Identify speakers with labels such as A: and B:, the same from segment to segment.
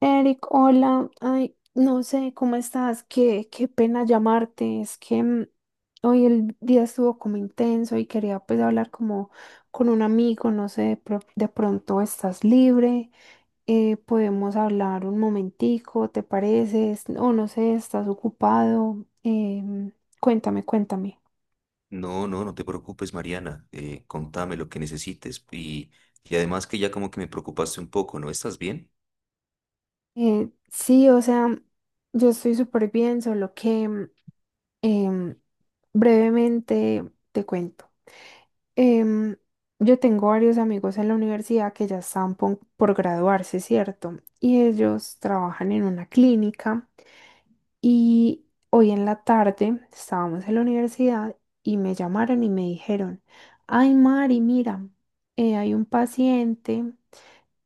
A: Eric, hola. Ay, no sé cómo estás. Qué pena llamarte. Es que hoy el día estuvo como intenso y quería pues hablar como con un amigo. No sé, de, de pronto estás libre. ¿Podemos hablar un momentico, te parece? O no sé, estás ocupado. Cuéntame, cuéntame.
B: No, no, no te preocupes, Mariana. Contame lo que necesites. Y además que ya como que me preocupaste un poco, ¿no? ¿Estás bien?
A: Sí, o sea, yo estoy súper bien, solo que em, brevemente te cuento. Em, yo tengo varios amigos en la universidad que ya están por, graduarse, ¿cierto? Y ellos trabajan en una clínica y hoy en la tarde estábamos en la universidad y me llamaron y me dijeron, ay Mari, mira, hay un paciente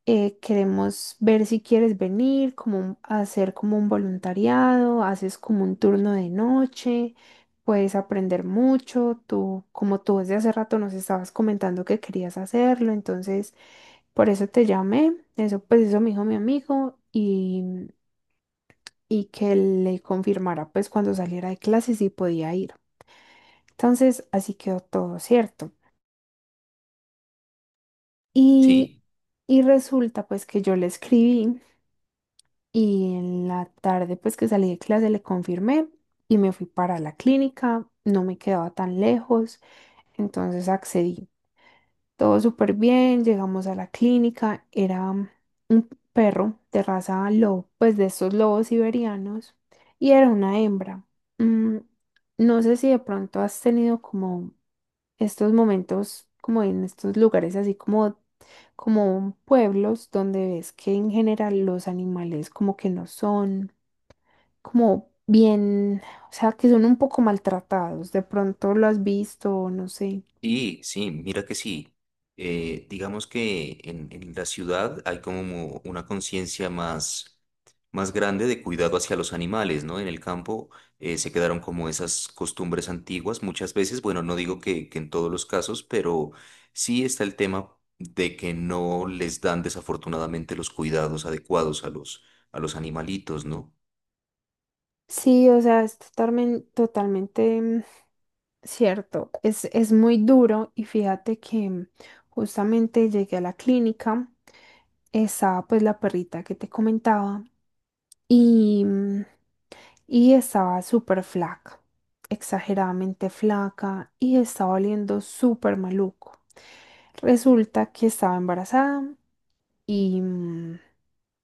A: queremos ver si quieres venir, como hacer como un voluntariado, haces como un turno de noche, puedes aprender mucho, tú, como tú desde hace rato nos estabas comentando que querías hacerlo, entonces por eso te llamé, eso pues eso me dijo mi amigo y que le confirmara pues cuando saliera de clase si podía ir. Entonces así quedó todo, ¿cierto? Y,
B: Sí.
A: y resulta pues que yo le escribí. Y en la tarde, pues que salí de clase, le confirmé y me fui para la clínica. No me quedaba tan lejos, entonces accedí. Todo súper bien, llegamos a la clínica. Era un perro de raza lobo, pues de estos lobos siberianos, y era una hembra. Mm, no sé si de pronto has tenido como estos momentos, como en estos lugares, así como como pueblos donde ves que en general los animales como que no son como bien, o sea, que son un poco maltratados. De pronto lo has visto, no sé.
B: Sí, sí, mira que sí. Digamos que en la ciudad hay como una conciencia más, más grande de cuidado hacia los animales, ¿no? En el campo se quedaron como esas costumbres antiguas muchas veces. Bueno, no digo que en todos los casos, pero sí está el tema de que no les dan desafortunadamente los cuidados adecuados a los animalitos, ¿no?
A: Sí, o sea, es totalmente, totalmente cierto. Es muy duro y fíjate que justamente llegué a la clínica, estaba pues la perrita que te comentaba y, y estaba súper flaca, exageradamente flaca y estaba oliendo súper maluco. Resulta que estaba embarazada y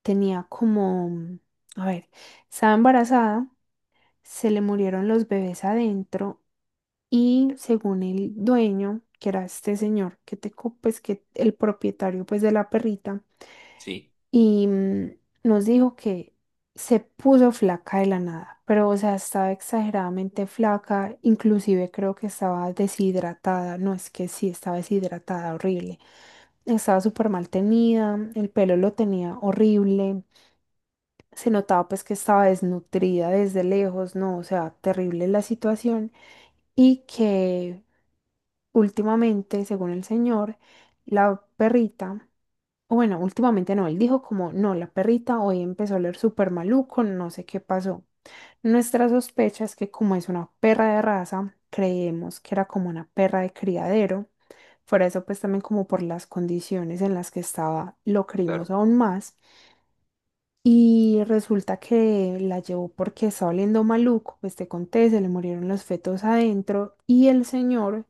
A: tenía como, a ver, estaba embarazada, se le murieron los bebés adentro y según el dueño, que era este señor, que te, pues que el propietario pues de la perrita,
B: Sí,
A: y nos dijo que se puso flaca de la nada, pero o sea, estaba exageradamente flaca, inclusive creo que estaba deshidratada, no es que sí, estaba deshidratada, horrible, estaba súper mal tenida, el pelo lo tenía horrible, se notaba pues que estaba desnutrida desde lejos, ¿no? O sea, terrible la situación y que últimamente, según el señor, la perrita, o bueno, últimamente no, él dijo como, no, la perrita hoy empezó a oler súper maluco, no sé qué pasó. Nuestra sospecha es que como es una perra de raza, creemos que era como una perra de criadero. Por eso pues también como por las condiciones en las que estaba, lo creímos
B: claro.
A: aún más. Y resulta que la llevó porque estaba oliendo maluco, pues te conté, se le murieron los fetos adentro y el señor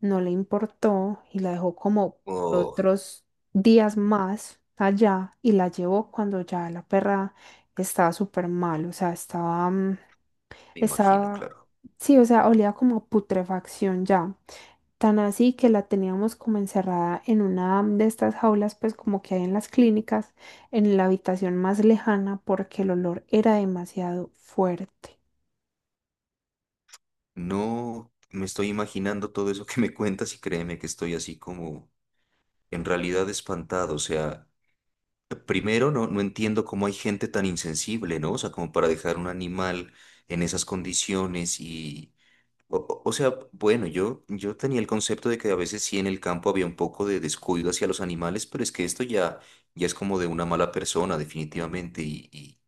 A: no le importó y la dejó como por
B: Oh,
A: otros días más allá y la llevó cuando ya la perra estaba súper mal, o sea, estaba,
B: me imagino,
A: estaba,
B: claro.
A: sí, o sea, olía como a putrefacción ya. Tan así que la teníamos como encerrada en una de estas jaulas, pues como que hay en las clínicas, en la habitación más lejana, porque el olor era demasiado fuerte.
B: No, me estoy imaginando todo eso que me cuentas y créeme que estoy así como en realidad espantado. O sea, primero no, no entiendo cómo hay gente tan insensible, ¿no? O sea, como para dejar un animal en esas condiciones y... O sea, bueno, yo tenía el concepto de que a veces sí en el campo había un poco de descuido hacia los animales, pero es que esto ya, ya es como de una mala persona, definitivamente.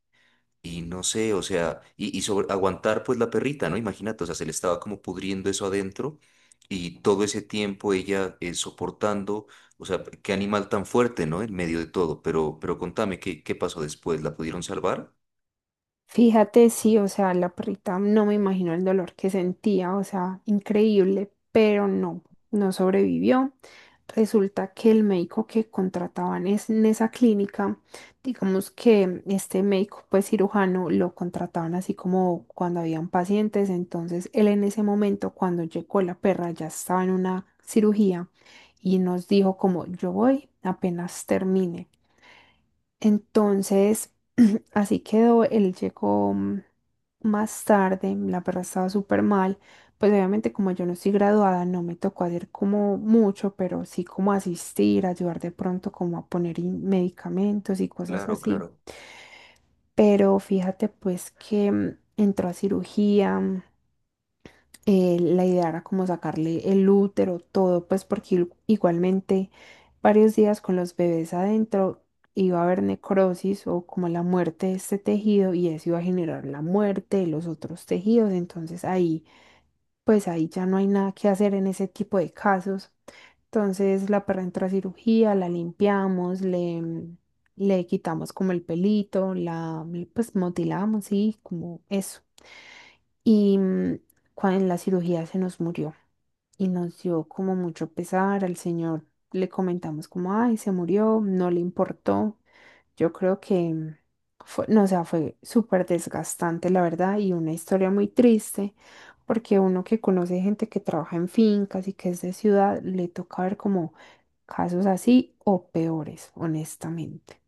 B: Y no sé, o sea, y sobre, aguantar pues la perrita, ¿no? Imagínate, o sea, se le estaba como pudriendo eso adentro y todo ese tiempo ella soportando, o sea, qué animal tan fuerte, ¿no? En medio de todo, pero contame, ¿qué, qué pasó después? ¿La pudieron salvar?
A: Fíjate, sí, o sea, la perrita no me imagino el dolor que sentía, o sea, increíble, pero no, no sobrevivió. Resulta que el médico que contrataban es, en esa clínica, digamos que este médico, pues cirujano, lo contrataban así como cuando habían pacientes, entonces él en ese momento, cuando llegó la perra, ya estaba en una cirugía y nos dijo como, yo voy apenas termine. Entonces, así quedó, él llegó más tarde, la perra estaba súper mal, pues obviamente como yo no estoy graduada, no me tocó hacer como mucho, pero sí como asistir, ayudar de pronto como a poner medicamentos y cosas
B: Claro,
A: así.
B: claro.
A: Pero fíjate pues que entró a cirugía, la idea era como sacarle el útero, todo, pues porque igualmente varios días con los bebés adentro iba a haber necrosis o como la muerte de este tejido y eso iba a generar la muerte de los otros tejidos. Entonces ahí, pues ahí ya no hay nada que hacer en ese tipo de casos. Entonces la perra entra a cirugía, la limpiamos, le, le quitamos como el pelito, la pues motilamos, sí, como eso. Y en la cirugía se nos murió y nos dio como mucho pesar al señor. Le comentamos como, ay, se murió, no le importó. Yo creo que fue, no, o sea, fue súper desgastante, la verdad, y una historia muy triste, porque uno que conoce gente que trabaja en fincas y que es de ciudad, le toca ver como casos así o peores, honestamente.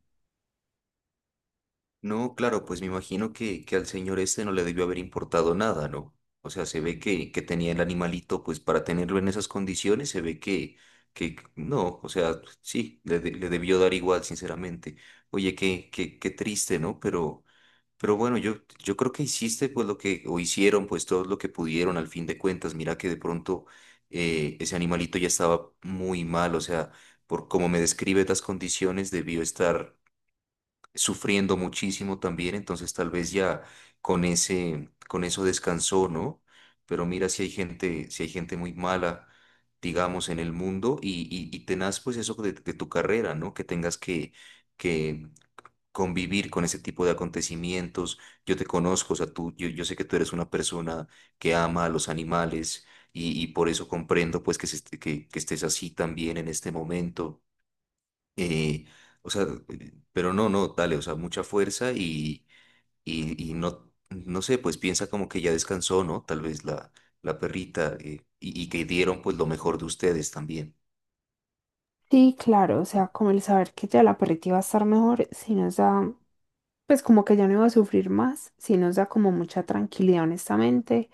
B: No, claro, pues me imagino que al señor este no le debió haber importado nada, ¿no? O sea, se ve que tenía el animalito, pues para tenerlo en esas condiciones, se ve que no, o sea, sí, le, de- le debió dar igual, sinceramente. Oye, qué, qué, qué triste, ¿no? Pero bueno, yo creo que hiciste pues lo que, o hicieron pues todo lo que pudieron al fin de cuentas. Mira que de pronto ese animalito ya estaba muy mal, o sea, por como me describe las condiciones, debió estar sufriendo muchísimo también, entonces tal vez ya con ese, con eso descansó, ¿no? Pero mira si hay gente, si hay gente muy mala, digamos, en el mundo y tenaz pues eso de tu carrera, ¿no? Que tengas que convivir con ese tipo de acontecimientos. Yo te conozco, o sea, tú, yo sé que tú eres una persona que ama a los animales y por eso comprendo pues que, que estés así también en este momento. Eh, o sea, pero no, no, dale, o sea, mucha fuerza y no, no sé, pues piensa como que ya descansó, ¿no? Tal vez la, la perrita y que dieron pues lo mejor de ustedes también.
A: Sí, claro, o sea, como el saber que ya la perrita iba a estar mejor, sí nos da pues como que ya no iba a sufrir más, sí nos da como mucha tranquilidad, honestamente,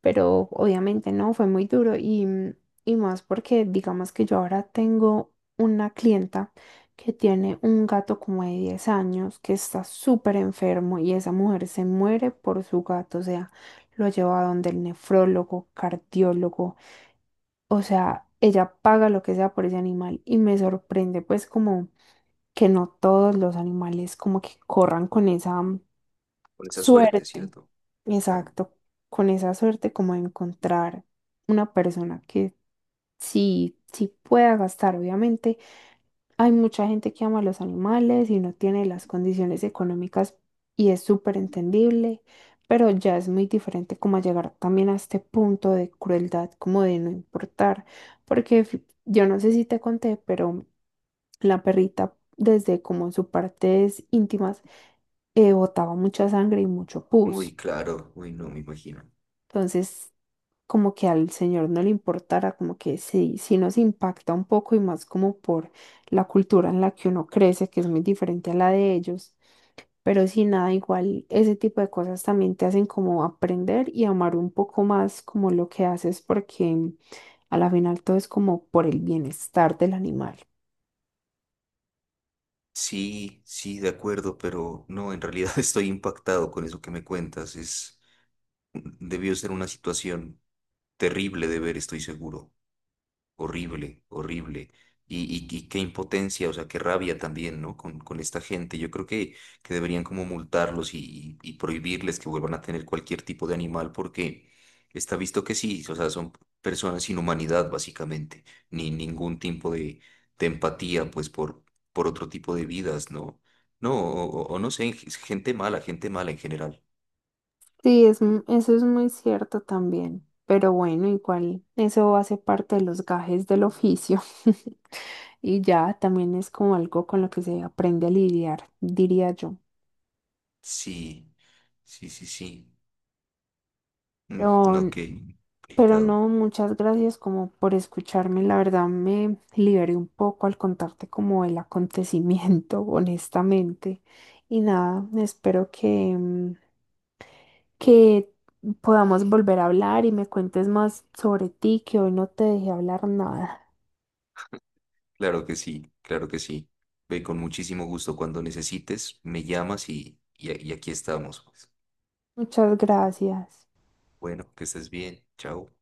A: pero obviamente no, fue muy duro y, y más porque digamos que yo ahora tengo una clienta que tiene un gato como de 10 años que está súper enfermo y esa mujer se muere por su gato, o sea, lo lleva a donde el nefrólogo, cardiólogo, o sea, ella paga lo que sea por ese animal y me sorprende pues como que no todos los animales como que corran con esa
B: Con esa suerte,
A: Suerte,
B: ¿cierto? Claro.
A: exacto. Con esa suerte como de encontrar una persona que sí, sí pueda gastar. Obviamente hay mucha gente que ama a los animales y no tiene las condiciones económicas y es súper entendible, pero ya es muy diferente como llegar también a este punto de crueldad, como de no importar, porque yo no sé si te conté, pero la perrita desde como sus partes íntimas botaba mucha sangre y mucho
B: Uy,
A: pus.
B: claro, uy, no, me imagino.
A: Entonces como que al señor no le importara, como que sí, sí nos impacta un poco y más como por la cultura en la que uno crece, que es muy diferente a la de ellos. Pero sin nada, igual ese tipo de cosas también te hacen como aprender y amar un poco más como lo que haces porque a la final todo es como por el bienestar del animal.
B: Sí, sí, de acuerdo, pero no, en realidad estoy impactado con eso que me cuentas. Es, debió ser una situación terrible de ver, estoy seguro. Horrible, horrible. Y, y qué impotencia, o sea, qué rabia también, ¿no? Con esta gente. Yo creo que deberían como multarlos y, y prohibirles que vuelvan a tener cualquier tipo de animal porque está visto que sí, o sea, son personas sin humanidad, básicamente. Ni ningún tipo de empatía, pues, por otro tipo de vidas, ¿no? No, o no sé, gente mala en general.
A: Sí, es, eso es muy cierto también, pero bueno, igual eso hace parte de los gajes del oficio y ya también es como algo con lo que se aprende a lidiar, diría yo.
B: Sí, sí, sí, sí.
A: Pero,
B: No, qué
A: pero
B: complicado.
A: no, muchas gracias como por escucharme, la verdad me liberé un poco al contarte como el acontecimiento, honestamente, y nada, espero que... que podamos volver a hablar y me cuentes más sobre ti, que hoy no te dejé hablar nada.
B: Claro que sí, claro que sí. Ve con muchísimo gusto cuando necesites, me llamas y aquí estamos. Pues.
A: Muchas gracias.
B: Bueno, que estés bien. Chao.